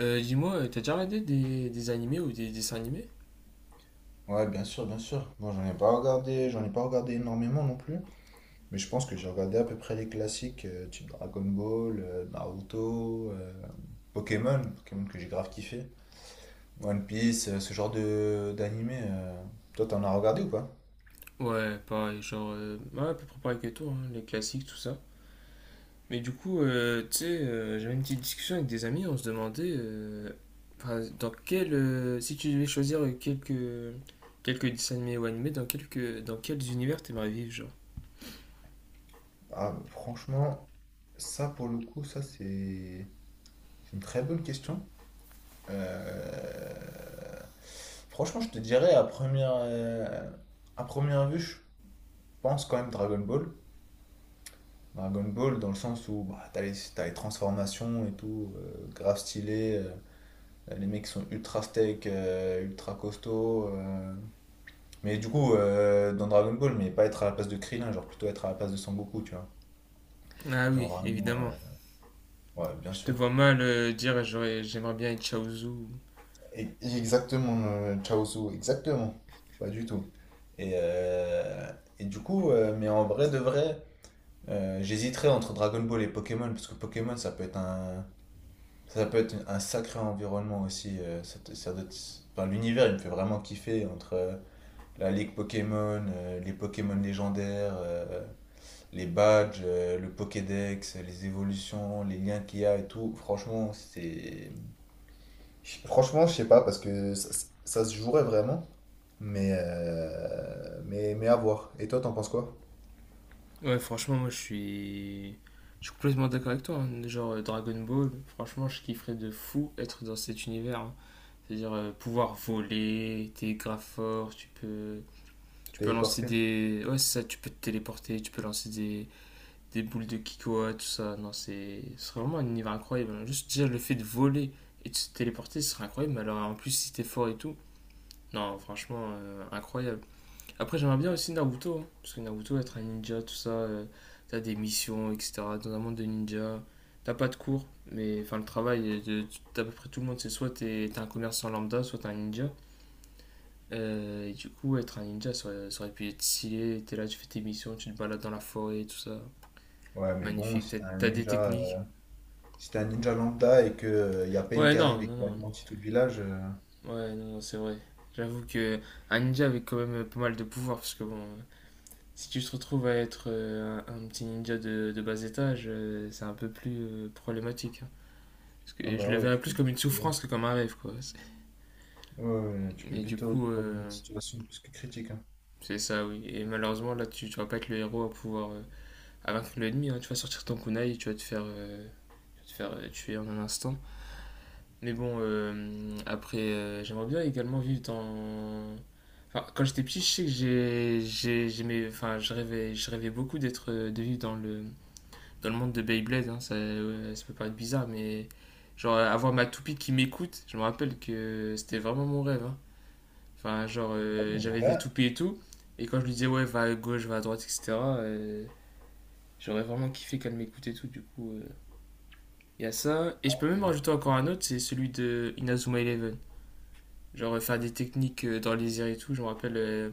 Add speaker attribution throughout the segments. Speaker 1: Dis-moi, t'as déjà regardé des animés ou des dessins animés?
Speaker 2: Ouais, bien sûr, bien sûr. Moi, j'en ai pas regardé énormément non plus, mais je pense que j'ai regardé à peu près les classiques, type Dragon Ball, Naruto, Pokémon que j'ai grave kiffé, One Piece, ce genre de d'animé. Toi, t'en as regardé ou pas?
Speaker 1: Ouais, pareil, genre, ouais, à peu près pareil que toi, hein, les classiques, tout ça. Mais du coup, tu sais, j'avais une petite discussion avec des amis, on se demandait, enfin, dans quel, si tu devais choisir quelques dessins animés ou animés, dans quels univers t'aimerais vivre, genre?
Speaker 2: Ah, franchement, ça pour le coup, ça c'est une très bonne question. Euh, Franchement, je te dirais à première vue, je pense quand même Dragon Ball. Dragon Ball dans le sens où bah, t'as les transformations et tout, grave stylé. Les mecs sont ultra steak, ultra costauds. Mais du coup, dans Dragon Ball, mais pas être à la place de Krillin, genre plutôt être à la place de Sangoku, tu vois.
Speaker 1: Ah
Speaker 2: Genre
Speaker 1: oui,
Speaker 2: vraiment,
Speaker 1: évidemment.
Speaker 2: ouais, bien
Speaker 1: Je te
Speaker 2: sûr.
Speaker 1: vois mal dire, j'aimerais bien être Chaozu.
Speaker 2: Exactement, Chaozu, exactement. Pas du tout. Et, euh, et du coup, mais en vrai de vrai, j'hésiterais entre Dragon Ball et Pokémon, parce que Pokémon, ça peut être un sacré environnement aussi. Ça te- ça doit être- Enfin, l'univers, il me fait vraiment kiffer entre la ligue Pokémon, les Pokémon légendaires, les badges, le Pokédex, les évolutions, les liens qu'il y a et tout. Franchement, je sais pas, parce que ça se jouerait vraiment, mais, mais à voir. Et toi, t'en penses quoi?
Speaker 1: Ouais, franchement, moi je suis. Je suis complètement d'accord avec toi, hein. Genre Dragon Ball, franchement, je kifferais de fou être dans cet univers, hein. C'est-à-dire pouvoir voler, t'es grave fort,
Speaker 2: Tu
Speaker 1: Tu peux
Speaker 2: t'es
Speaker 1: lancer
Speaker 2: porté?
Speaker 1: des. Ouais, c'est ça, tu peux te téléporter, tu peux lancer des boules de Kikoa, tout ça. Non, c'est, ce serait vraiment un univers incroyable, hein. Juste déjà le fait de voler et de se téléporter, ce serait incroyable. Mais alors en plus, si t'es fort et tout, non, franchement, incroyable. Après, j'aimerais bien aussi Naruto, hein, parce que Naruto, être un ninja, tout ça, t'as des missions, etc. Dans un monde de ninja, t'as pas de cours, mais enfin, le travail de d'à peu près tout le monde, c'est soit t'es un commerçant lambda, soit t'es un ninja. Et du coup, être un ninja, ça aurait pu être stylé. T'es là, tu fais tes missions, tu te balades dans la forêt, tout ça.
Speaker 2: Ouais, mais bon,
Speaker 1: Magnifique, t'as t'as des techniques.
Speaker 2: si t'es un ninja lambda et que, y a Pain
Speaker 1: Ouais,
Speaker 2: qui
Speaker 1: non,
Speaker 2: arrive et
Speaker 1: non,
Speaker 2: qui
Speaker 1: non.
Speaker 2: anéantit tout le village,
Speaker 1: Ouais, non, non, c'est vrai. J'avoue que un ninja avait quand même pas mal de pouvoir, parce que bon, si tu te retrouves à être un petit ninja de bas étage, c'est un peu plus problématique, hein. Parce
Speaker 2: ah
Speaker 1: que je
Speaker 2: bah
Speaker 1: le
Speaker 2: ouais,
Speaker 1: verrais plus comme une
Speaker 2: ouais,
Speaker 1: souffrance que comme un rêve, quoi. C'est.
Speaker 2: ouais, tu peux
Speaker 1: Et
Speaker 2: vite
Speaker 1: du
Speaker 2: te
Speaker 1: coup,
Speaker 2: retrouver dans une situation plus que critique, hein.
Speaker 1: c'est ça, oui. Et malheureusement, là, tu vas pas être le héros à pouvoir à vaincre l'ennemi, hein. Tu vas sortir ton kunai et tu vas te tu vas te faire tuer en un instant. Mais bon, après, j'aimerais bien également vivre dans... Enfin, quand j'étais petit, je sais que j'ai- j'aimais, enfin, je rêvais beaucoup d'être, de vivre dans dans le monde de Beyblade, hein, ça, ouais, ça peut paraître bizarre, mais genre avoir ma toupie qui m'écoute, je me rappelle que c'était vraiment mon rêve, hein. Enfin, genre,
Speaker 2: Ah bon, en
Speaker 1: j'avais des
Speaker 2: vrai,
Speaker 1: toupies et tout, et quand je lui disais, ouais, va à gauche, va à droite, etc., j'aurais vraiment kiffé qu'elle m'écoute et tout, du coup, il y a ça. Et je peux même rajouter encore un autre, c'est celui de Inazuma Eleven. Genre, faire des techniques dans les airs et tout, je me rappelle.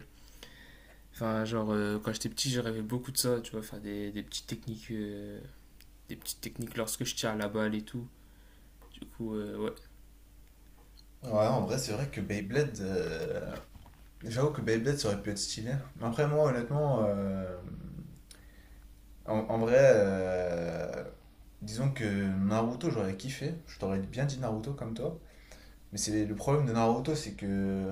Speaker 1: Enfin, genre, quand j'étais petit, je rêvais beaucoup de ça, tu vois, faire des petites techniques lorsque je tire la balle et tout. Du coup, ouais.
Speaker 2: ouais, en vrai, c'est
Speaker 1: Ouais.
Speaker 2: vrai que Beyblade. J'avoue que Beyblade, ça aurait pu être stylé. Mais après, moi, honnêtement, en vrai, disons que Naruto, j'aurais kiffé. Je t'aurais bien dit Naruto comme toi. Mais c'est le problème de Naruto, c'est que.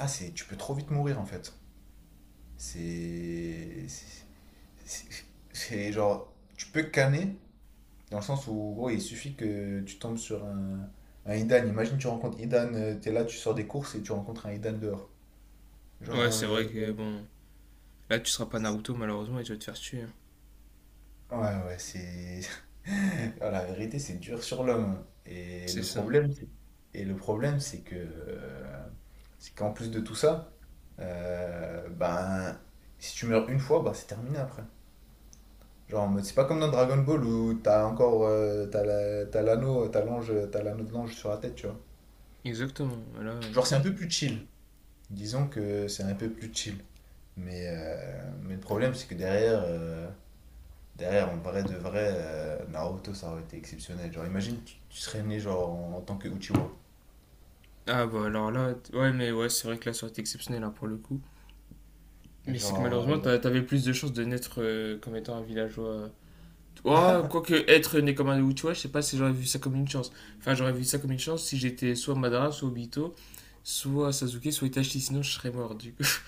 Speaker 2: Ah, c'est, tu peux trop vite mourir, en fait. C'est. C'est- c'est genre. Tu peux canner, dans le sens où, gros, il suffit que tu tombes sur un Idan. Imagine, tu rencontres Idan, t'es là, tu sors des courses et tu rencontres un Idan dehors. Genre,
Speaker 1: Ouais, c'est vrai que bon, là tu seras pas Naruto malheureusement et tu vas te faire tuer, hein.
Speaker 2: ouais, ouais, ouais, c'est. Ah, la vérité, c'est dur sur l'homme. Et
Speaker 1: C'est
Speaker 2: le
Speaker 1: ça.
Speaker 2: problème, c'est- et le problème, c'est que, C'est qu'en plus de tout ça, ben, si tu meurs une fois, bah c'est terminé après. Genre, en mode, c'est pas comme dans Dragon Ball où t'as encore, t'as l'anneau, t'as l'anneau de l'ange sur la tête, tu vois.
Speaker 1: Exactement. Là,
Speaker 2: Genre, c'est un peu plus chill. Disons que c'est un peu plus chill. Mais le problème, c'est que derrière, derrière, en vrai de vrai, Naruto, ça aurait été exceptionnel. Genre, imagine, tu serais né genre, en tant que Uchiwa.
Speaker 1: ah bah alors là, ouais mais ouais c'est vrai que là ça aurait été exceptionnel, hein, pour le coup. Mais c'est que
Speaker 2: Genre,
Speaker 1: malheureusement
Speaker 2: euh,
Speaker 1: t'avais plus de chances de naître comme étant un villageois. Oh, quoique être né comme un Uchiwa, je sais pas si j'aurais vu ça comme une chance. Enfin j'aurais vu ça comme une chance si j'étais soit Madara, soit Obito, soit Sasuke, soit Itachi, sinon je serais mort du coup.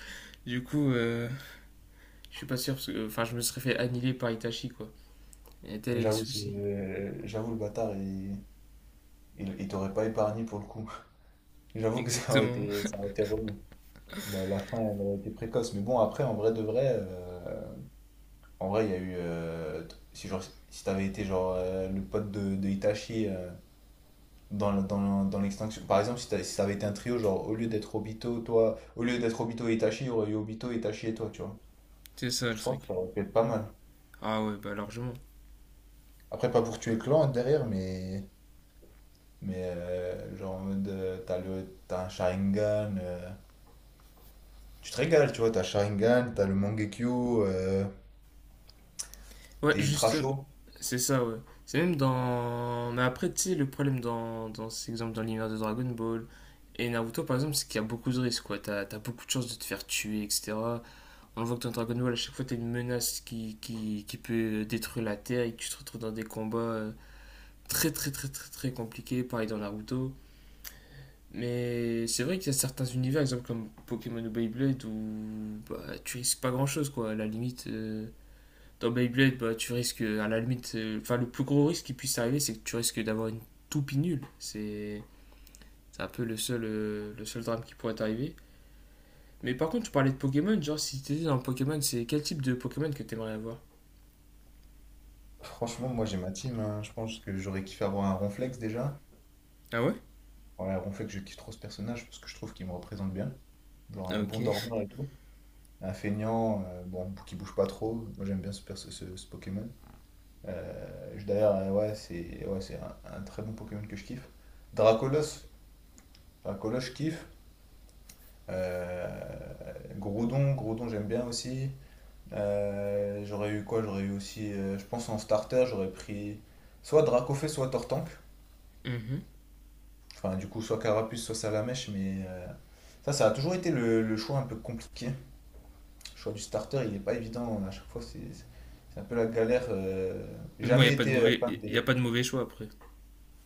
Speaker 1: Du coup, je suis pas sûr parce que enfin je me serais fait annihiler par Itachi, quoi. Et tel est le
Speaker 2: J'avoue,
Speaker 1: souci.
Speaker 2: j'avoue, le bâtard, il t'aurait pas épargné pour le coup. J'avoue que
Speaker 1: Exactement.
Speaker 2: ça aurait été relou. La fin, elle aurait été précoce. Mais bon, après, en vrai de vrai, en vrai, il y a eu. T- si genre, si t'avais été genre le pote de Itachi. Dans, dans l'extinction. Par exemple, si ça avait été un trio, genre au lieu d'être Obito, toi, au lieu d'être Obito et Itachi, il y aurait eu Obito, Itachi et toi, tu vois.
Speaker 1: C'est ça le
Speaker 2: Je pense
Speaker 1: truc.
Speaker 2: que ça aurait pu être pas mal.
Speaker 1: Ah ouais, bah largement.
Speaker 2: Après, pas pour tuer le Clan derrière, mais, mais genre en mode, t'as un Sharingan, tu te régales, tu vois, t'as Sharingan, t'as le Mangekyo,
Speaker 1: Ouais,
Speaker 2: t'es ultra
Speaker 1: juste,
Speaker 2: chaud.
Speaker 1: c'est ça, ouais. C'est même dans. Mais après, tu sais, le problème dans ces exemples dans l'univers de Dragon Ball et Naruto, par exemple, c'est qu'il y a beaucoup de risques, quoi. T'as beaucoup de chances de te faire tuer, etc. On voit que dans Dragon Ball, à chaque fois, t'as une menace qui peut détruire la Terre et que tu te retrouves dans des combats très, très, très, très, très compliqués. Pareil dans Naruto. Mais c'est vrai qu'il y a certains univers, exemple comme Pokémon ou Beyblade, où bah, tu risques pas grand chose, quoi. À la limite, dans Beyblade, bah, tu risques, à la limite, enfin, le plus gros risque qui puisse arriver, c'est que tu risques d'avoir une toupie nulle. C'est un peu le seul drame qui pourrait t'arriver. Mais par contre, tu parlais de Pokémon, genre si t'étais dans Pokémon, c'est quel type de Pokémon que t'aimerais avoir?
Speaker 2: Franchement, moi j'ai ma team, hein. Je pense que j'aurais kiffé avoir un Ronflex déjà.
Speaker 1: Ah ouais.
Speaker 2: Ouais, Ronflex, je kiffe trop ce personnage parce que je trouve qu'il me représente bien. Genre
Speaker 1: Ah,
Speaker 2: un bon
Speaker 1: OK.
Speaker 2: dormeur et tout. Un feignant, bon, qui bouge pas trop. Moi, j'aime bien ce Pokémon. D'ailleurs, ouais, c'est un très bon Pokémon que je kiffe. Dracolos, Dracolos, je kiffe. Euh, Groudon, j'aime bien aussi. J'aurais eu quoi? J'aurais eu aussi, je pense en starter, j'aurais pris soit Dracofeu, soit Tortank.
Speaker 1: Mhm.
Speaker 2: Enfin, du coup, soit Carapuce, soit Salamèche, mais ça, ça a toujours été le choix un peu compliqué. Le choix du starter, il n'est pas évident. À chaque fois, c'est un peu la galère. J'ai
Speaker 1: Mais bon, il n'y a,
Speaker 2: jamais
Speaker 1: pas de
Speaker 2: été
Speaker 1: mauvais-
Speaker 2: fan
Speaker 1: y a
Speaker 2: des.
Speaker 1: pas de mauvais choix après.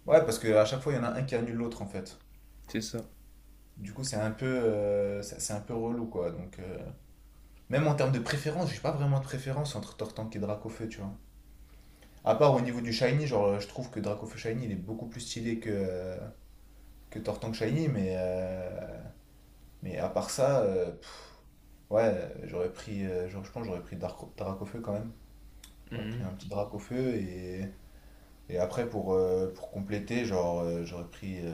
Speaker 2: Ouais, parce qu'à chaque fois, il y en a un qui annule l'autre, en fait.
Speaker 1: C'est ça.
Speaker 2: Du coup, c'est un peu, c'est un peu relou, quoi. Donc, même en termes de préférence, j'ai pas vraiment de préférence entre Tortank et Dracofeu, tu vois. À part au niveau du Shiny, genre, je trouve que Dracofeu Shiny, il est beaucoup plus stylé que que Tortank Shiny, mais à part ça, pff, ouais, je pense que j'aurais pris Dracofeu quand même. J'aurais pris un
Speaker 1: Mhm.
Speaker 2: petit Dracofeu et après, pour compléter, j'aurais pris euh,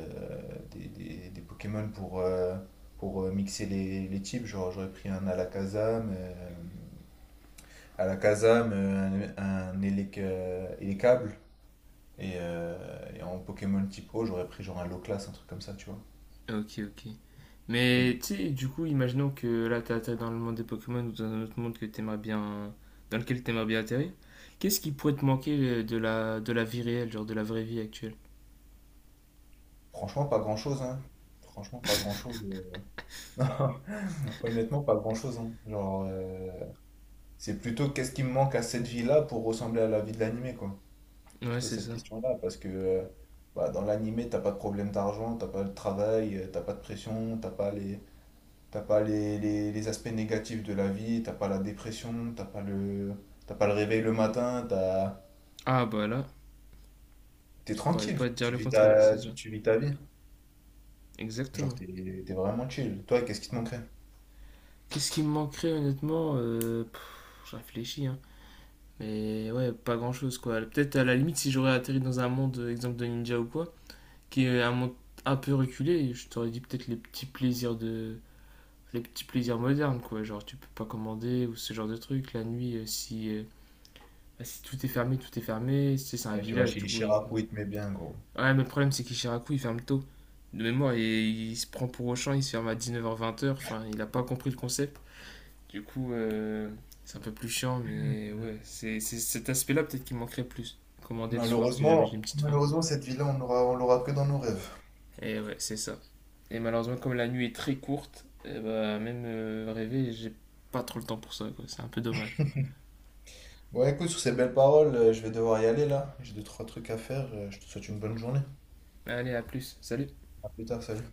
Speaker 2: des, des, des Pokémon pour, mixer les types. Genre, j'aurais pris un Alakazam, un Elekable. Et, euh, et en Pokémon type O, j'aurais pris genre un Loclass, un truc comme ça, tu vois.
Speaker 1: OK, OK. Mais
Speaker 2: Et
Speaker 1: tu sais, du coup, imaginons que là, tu atterri dans le monde des Pokémon ou dans un autre monde que t'aimerais bien, dans lequel tu aimerais bien atterrir. Qu'est-ce qui pourrait te manquer de de la vie réelle, genre de la vraie vie actuelle?
Speaker 2: franchement, pas grand-chose, hein. Franchement, pas grand-chose. euh. Honnêtement, pas grand-chose, hein. Genre, c'est plutôt qu'est-ce qui me manque à cette vie-là pour ressembler à la vie de l'animé, quoi.
Speaker 1: Ouais,
Speaker 2: Plutôt
Speaker 1: c'est
Speaker 2: cette
Speaker 1: ça.
Speaker 2: question-là, parce que bah, dans l'animé, t'as pas de problème d'argent, t'as pas de travail, t'as pas de pression, t'as pas les, les aspects négatifs de la vie, t'as pas la dépression, t'as pas le réveil le matin,
Speaker 1: Ah, bah là,
Speaker 2: t'es
Speaker 1: je pourrais
Speaker 2: tranquille,
Speaker 1: pas te dire le contraire, c'est ça.
Speaker 2: tu vis ta vie. Genre,
Speaker 1: Exactement.
Speaker 2: t'es, T'es vraiment chill. Toi, qu'est-ce qui te manquerait?
Speaker 1: Qu'est-ce qui me manquerait, honnêtement? Pff, je réfléchis, hein. Mais ouais, pas grand-chose, quoi. Peut-être à la limite, si j'aurais atterri dans un monde, exemple de ninja ou quoi, qui est un monde un peu reculé, je t'aurais dit peut-être les petits plaisirs modernes, quoi. Genre, tu peux pas commander ou ce genre de truc. La nuit, si, bah, si tout est fermé, tout est fermé. Tu c'est un
Speaker 2: Ouais, tu vas
Speaker 1: village,
Speaker 2: chez
Speaker 1: du coup.
Speaker 2: Chirac, où il te met bien, gros.
Speaker 1: Ouais, mais le problème, c'est qu'Ishiraku, il ferme tôt. De mémoire, il se prend pour Auchan, il se ferme à 19h-20h. Enfin, il a pas compris le concept. Du coup, c'est un peu plus chiant, mais ouais. C'est cet aspect-là, peut-être, qui manquerait plus. Commander le soir, si jamais j'ai une petite faim.
Speaker 2: Malheureusement, cette vie-là, on l'aura que dans nos rêves.
Speaker 1: Et ouais, c'est ça. Et malheureusement, comme la nuit est très courte, eh bah, même rêver, j'ai pas trop le temps pour ça, quoi. C'est un peu dommage.
Speaker 2: Bon, écoute, sur ces belles paroles, je vais devoir y aller là. J'ai deux, trois trucs à faire. Je te souhaite une bonne journée.
Speaker 1: Allez, à plus. Salut.
Speaker 2: À plus tard, salut.